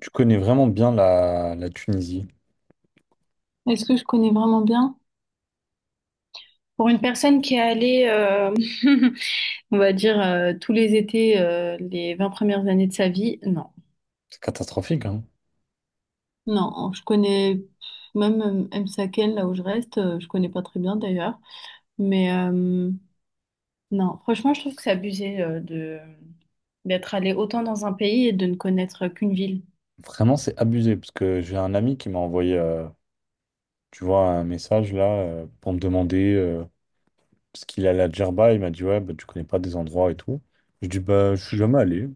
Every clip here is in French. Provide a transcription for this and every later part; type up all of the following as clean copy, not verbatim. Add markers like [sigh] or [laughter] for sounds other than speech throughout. Tu connais vraiment bien la Tunisie. Est-ce que je connais vraiment bien? Pour une personne qui est allée, [laughs] on va dire, tous les étés, les 20 premières années de sa vie, non. C'est catastrophique, hein. Non, je connais même M'Saken, là où je reste, je connais pas très bien d'ailleurs. Mais non, franchement, je trouve que c'est abusé de d'être allé autant dans un pays et de ne connaître qu'une ville. Vraiment, c'est abusé. Parce que j'ai un ami qui m'a envoyé, tu vois, un message là pour me demander parce qu'il allait à Djerba. Il m'a dit, ouais, bah, tu connais pas des endroits et tout. Je dis, bah, je suis jamais allé.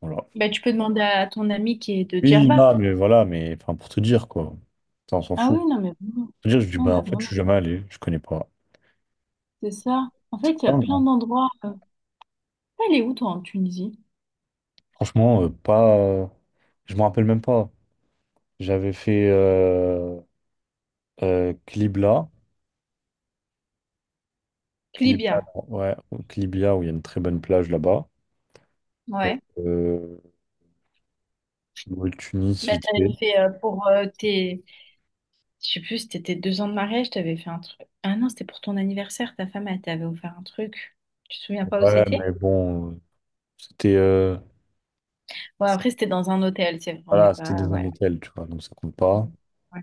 Voilà. Bah, tu peux demander à ton ami qui est de Oui, Djerba. là, mais voilà, mais enfin, pour te dire, quoi. Ça, on s'en Ah fout. oui, non, Pour mais vraiment. te dire, je dis, Non, bah, mais en fait, je vraiment, suis jamais allé. Je connais pas. c'est ça. En fait, il y Ah, a plein non. d'endroits. T'es allé où, toi, en Tunisie? Franchement, pas. Je me rappelle même pas. J'avais fait Qlibla. Qlibla, Libya, non, ouais, au Qlibla, où il y a une très bonne plage là-bas. ouais. Euh, le Tunis, Bah, vite fait. t'avais fait pour tes. Je sais plus, c'était tes 2 ans de mariage, t'avais fait un truc. Ah non, c'était pour ton anniversaire, ta femme, elle t'avait offert un truc. Tu te souviens pas où Ouais, c'était? mais bon, c'était Ouais, après, c'était dans un hôtel, c'est vrai, on n'est voilà, c'était dans pas. un Ouais. hôtel, tu vois, donc ça compte pas. Ouais.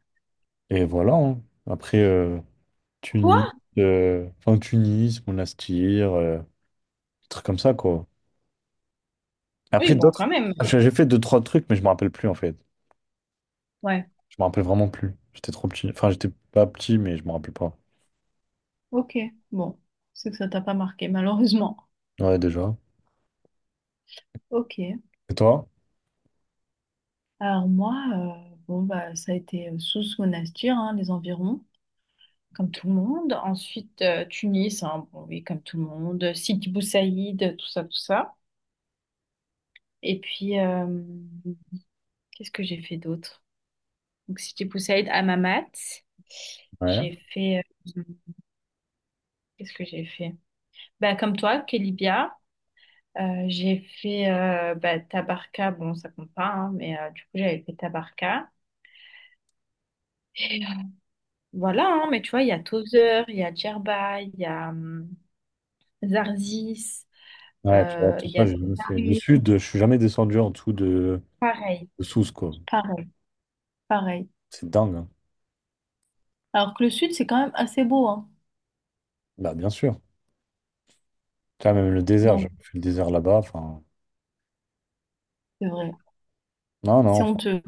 Et voilà, hein. Après, Tunis, Quoi? Enfin Tunis, Monastir, des trucs comme ça, quoi. Après, Oui, bon, d'autres, quand même. j'ai fait deux, trois trucs, mais je me rappelle plus, en fait. Ouais, Je me rappelle vraiment plus. J'étais trop petit. Enfin, j'étais pas petit, mais je me rappelle pas. ok. Bon, c'est que ça t'a pas marqué, malheureusement. Ouais, déjà. Ok. Et toi? Alors, moi, bon, bah, ça a été sous Monastir, hein, les environs, comme tout le monde. Ensuite, Tunis, hein, bon, oui, comme tout le monde. Sidi Bou Saïd, tout ça, tout ça. Et puis, qu'est-ce que j'ai fait d'autre? Donc, Sidi Bou Saïd, Hammamet. Ouais. J'ai fait. euh, Qu'est-ce que j'ai fait? Bah, comme toi, Kelibia. J'ai fait bah, Tabarka. Bon, ça compte pas, hein, mais du coup, j'avais fait Tabarka. Voilà, hein, mais tu vois, il y a Tozeur, il y a Djerba, il y a Zarzis, Ouais, tu vois, tout il y ça, a... j'ai jamais Ah fait. Le oui, sud, je suis jamais descendu en dessous pareil, de Sousse, quoi. pareil. Pareil. C'est dingue, hein. Alors que le sud, c'est quand même assez beau, hein. Bah, bien sûr. Tu vois, même le désert, Donc, j'ai fait le désert là-bas. Enfin, c'est vrai. non, non, C'est enfin, honteux.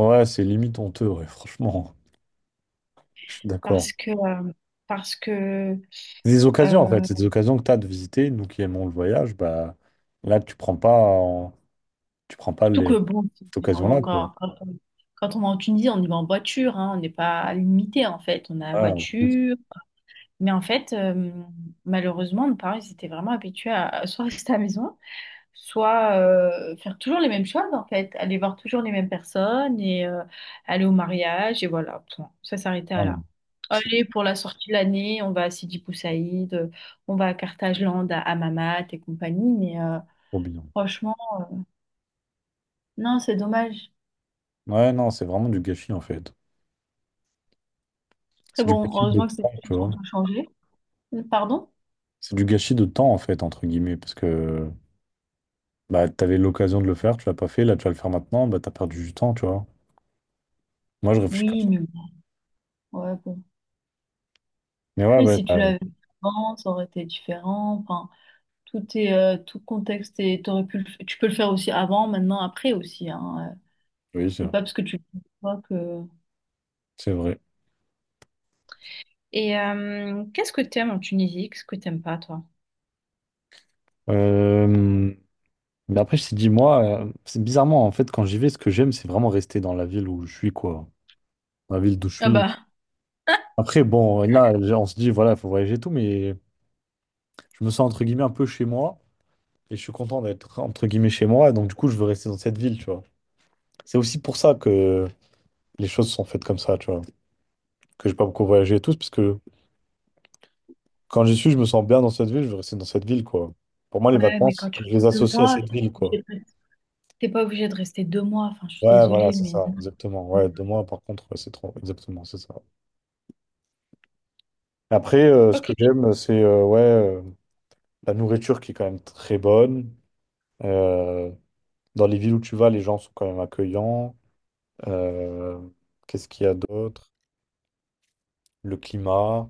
ouais, c'est limite honteux, ouais, [laughs] franchement. Je suis d'accord. Parce que, euh, parce que, C'est des occasions, en fait. euh, C'est des occasions que tu as de visiter. Nous qui aimons le voyage, bah, là, tu prends pas surtout les... que bon, cette on- occasion-là, quoi. quand, quand on, quand on va en Tunisie, on y va en voiture, hein. On n'est pas limité, en fait. On a la Ah, en plus, voiture. Mais en fait, malheureusement, nos parents, ils étaient vraiment habitués à soit rester [laughs] à la maison, soit faire toujours les mêmes choses en fait, aller voir toujours les mêmes personnes et aller au mariage et voilà, point. Ça s'arrêtait à ah, non, là. c'est Allez, pour la sortie de l'année, on va à Sidi Bou Saïd, on va à Carthagène, à Hammamet et compagnie, mais trop bien. franchement, non, c'est dommage. Ouais, non, c'est vraiment du gâchis, en fait. Très C'est du bon, gâchis de heureusement que c'est temps, des tu choses vois. qu'on peut changer. Pardon? C'est du gâchis de temps, en fait, entre guillemets, parce que. Bah, t'avais l'occasion de le faire, tu l'as pas fait, là, tu vas le faire maintenant, bah, t'as perdu du temps, tu vois. Moi, je réfléchis comme Oui, ça. mais bon, ouais, bon. Mais ouais, Après, ouais, si tu bah, l'avais fait avant, ça aurait été différent. Enfin, tout est, tout contexte et t'aurais pu tu peux le faire aussi avant, maintenant, après aussi, hein. oui, c'est C'est vrai. pas parce que tu le vois que... C'est vrai. Et qu'est-ce que t'aimes en Tunisie? Qu'est-ce que t'aimes pas, toi? Euh, Mais après, je t'ai dit, moi, c'est bizarrement, en fait, quand j'y vais, ce que j'aime, c'est vraiment rester dans la ville où je suis, quoi. La ville d'où je Ah suis. bah, [laughs] Après, bon, là, on se dit, voilà, il faut voyager et tout, mais je me sens, entre guillemets, un peu chez moi, et je suis content d'être, entre guillemets, chez moi, donc du coup, je veux rester dans cette ville, tu vois. C'est aussi pour ça que les choses sont faites comme ça, tu vois. Que j'ai pas beaucoup voyagé et tout, c'est parce que quand j'y suis, je me sens bien dans cette ville, je veux rester dans cette ville, quoi. Pour moi, les Ouais, mais vacances, quand tu je les restes deux associe à mois, cette ville, t'es pas obligé quoi. de rester- t'es pas obligé de rester 2 mois. Enfin, je suis Ouais, voilà, désolée, c'est mais ça, non. exactement. Ouais, deux mois, par contre, ouais, c'est trop. Exactement, c'est ça. Après, ce Ok. que j'aime, c'est la nourriture qui est quand même très bonne. Euh, Dans les villes où tu vas, les gens sont quand même accueillants. Euh, Qu'est-ce qu'il y a d'autre? Le climat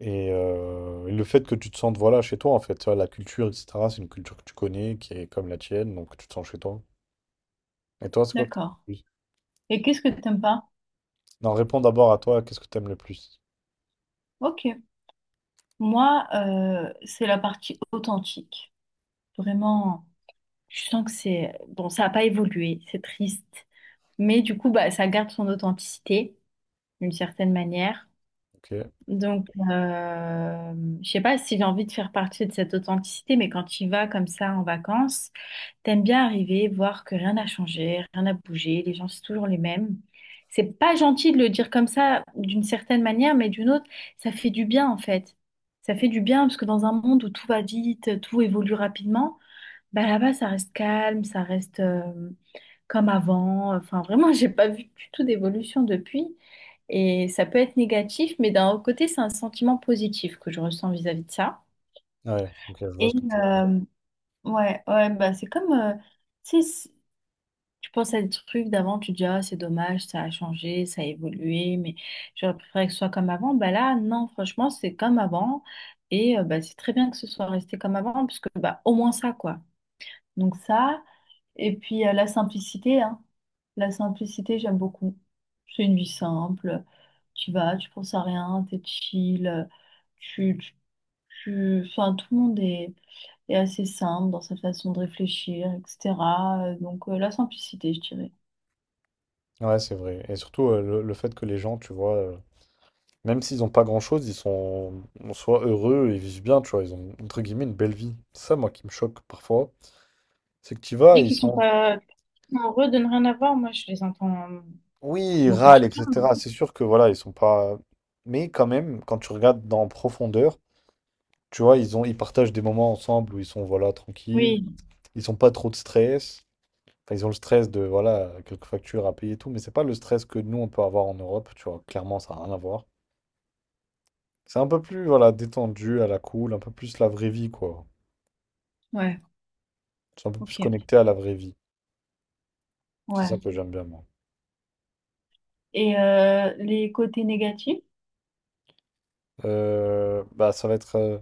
et le fait que tu te sentes voilà, chez toi, en fait. Tu vois, la culture, etc., c'est une culture que tu connais, qui est comme la tienne, donc tu te sens chez toi. Et toi, c'est quoi que D'accord. t'as? Et qu'est-ce que t'aimes pas? Non, réponds d'abord à toi, qu'est-ce que t'aimes le plus? Ok. Moi, c'est la partie authentique. Vraiment, je sens que c'est... Bon, ça n'a pas évolué, c'est triste. Mais du coup, bah, ça garde son authenticité d'une certaine manière. Ok. Donc, je sais pas si j'ai envie de faire partie de cette authenticité, mais quand tu vas comme ça en vacances, t'aimes bien arriver, voir que rien n'a changé, rien n'a bougé, les gens c'est toujours les mêmes. C'est pas gentil de le dire comme ça d'une certaine manière, mais d'une autre, ça fait du bien en fait. Ça fait du bien parce que dans un monde où tout va vite, tout évolue rapidement, bah là-bas ça reste calme, ça reste, comme avant. Enfin, vraiment, j'ai pas vu du tout d'évolution depuis. Et ça peut être négatif, mais d'un autre côté, c'est un sentiment positif que je ressens vis-à-vis de ça. Ouais, ok, je vois Et ce que tu veux dire. euh, ouais, ouais, bah c'est comme, tu sais, tu penses à des trucs d'avant, tu te dis, ah, c'est dommage, ça a changé, ça a évolué, mais j'aurais préféré que ce soit comme avant. Bah là, non, franchement, c'est comme avant. Et bah, c'est très bien que ce soit resté comme avant, parce que bah, au moins ça, quoi. Donc ça, et puis la simplicité, hein. La simplicité, j'aime beaucoup. C'est une vie simple. Tu vas, tu penses à rien, t'es chill. Tu, tu, Enfin, tout le monde est, assez simple dans sa façon de réfléchir, etc. Donc la simplicité, je dirais. Ouais, c'est vrai. Et surtout, le fait que les gens, tu vois, même s'ils n'ont pas grand-chose, ils sont en soi heureux, ils vivent bien, tu vois, ils ont, entre guillemets, une belle vie. C'est ça, moi, qui me choque parfois. C'est que tu y vas, ils sont... Euh, non. Oui, ils Beaucoup. râlent, etc. C'est sûr que, voilà, ils sont pas... Mais quand même, quand tu regardes dans profondeur, tu vois, ils ont, ils partagent des moments ensemble où ils sont, voilà, tranquilles, Oui, ils ont pas trop de stress. Enfin, ils ont le stress de, voilà, quelques factures à payer et tout, mais c'est pas le stress que nous, on peut avoir en Europe, tu vois. Clairement, ça n'a rien à voir. C'est un peu plus, voilà, détendu, à la cool, un peu plus la vraie vie, quoi. ouais, C'est un peu plus ok. connecté à la vraie vie. C'est Ouais. ça que j'aime bien, moi. Et les côtés négatifs? Ça va être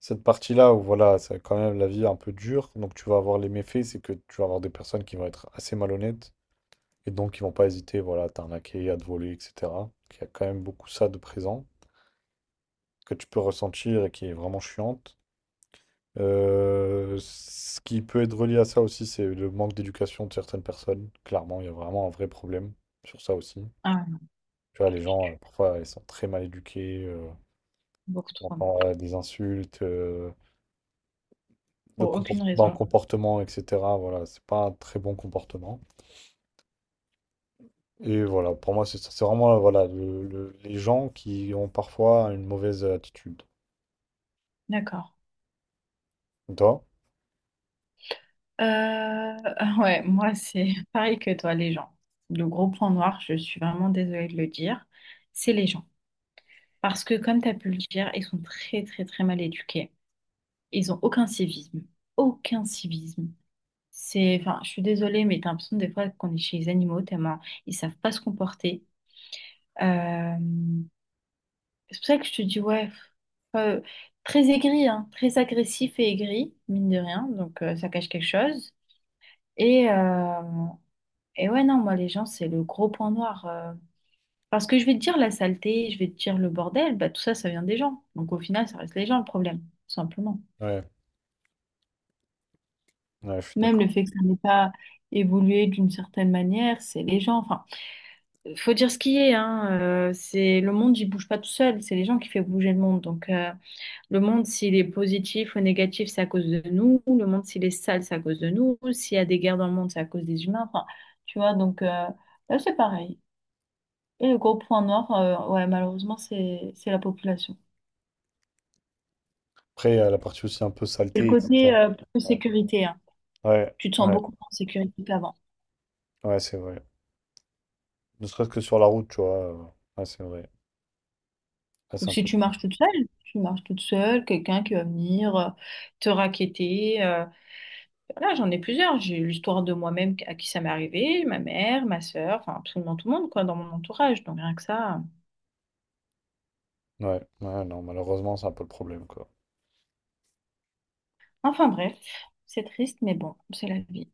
cette partie-là où, voilà, c'est quand même la vie un peu dure. Donc, tu vas avoir les méfaits, c'est que tu vas avoir des personnes qui vont être assez malhonnêtes et donc qui vont pas hésiter, voilà, à t'arnaquer, à te voler, etc. Il y a quand même beaucoup ça de présent que tu peux ressentir et qui est vraiment chiante. Ce qui peut être relié à ça aussi, c'est le manque d'éducation de certaines personnes. Clairement, il y a vraiment un vrai problème sur ça aussi. Ah, Tu vois, les gens, parfois, ils sont très mal éduqués, beaucoup on trop. entend, des insultes, Pour aucune dans le raison. comportement, etc. Voilà, c'est pas un très bon comportement. Et voilà, pour moi, c'est ça. C'est vraiment, voilà, les gens qui ont parfois une mauvaise attitude. D'accord. Et toi? Euh, [laughs] ah ouais, moi c'est [laughs] pareil que toi, les gens. Le gros point noir, je suis vraiment désolée de le dire, c'est les gens. Parce que comme tu as pu le dire, ils sont très très très mal éduqués. Ils ont aucun civisme. Aucun civisme. C'est, enfin, je suis désolée, mais t'as l'impression des fois qu'on est chez les animaux, tellement ils savent pas se comporter. Euh, c'est pour ça que je te dis, ouais, pff, euh, très aigri, hein, très agressif et aigri, mine de rien, donc ça cache quelque chose. Et, euh, Et ouais, non, moi, les gens, c'est le gros point noir. Parce que je vais te dire la saleté, je vais te dire le bordel, bah, tout ça, ça vient des gens. Donc au final, ça reste les gens le problème, tout simplement. Ouais, ouais, je suis Même le d'accord. fait que ça n'ait pas évolué d'une certaine manière, c'est les gens. Enfin, faut dire ce qui est, hein. C'est le monde, il bouge pas tout seul. C'est les gens qui font bouger le monde. Donc le monde, s'il est positif ou négatif, c'est à cause de nous. Le monde, s'il est sale, c'est à cause de nous. S'il y a des guerres dans le monde, c'est à cause des humains. Enfin, tu vois, donc là, c'est pareil. Et le gros point noir, ouais, malheureusement, c'est la population. Après, il y a la partie aussi un peu Et le saleté, côté etc. Plus Ouais, sécurité, hein. ouais, Tu te sens ouais, beaucoup moins en sécurité qu'avant. ouais, c'est vrai. Ne serait-ce que sur la route, tu vois. Ouais, c'est vrai. Ouais, Ou c'est un si peu. tu marches toute seule, tu marches toute seule, quelqu'un qui va venir te raqueter. Voilà, j'en ai plusieurs. J'ai eu l'histoire de moi-même à qui ça m'est arrivé, ma mère, ma sœur, enfin absolument tout le monde, quoi, dans mon entourage. Donc rien que ça. Ouais, ouais, non, malheureusement, c'est un peu le problème, quoi. Enfin bref, c'est triste, mais bon, c'est la vie.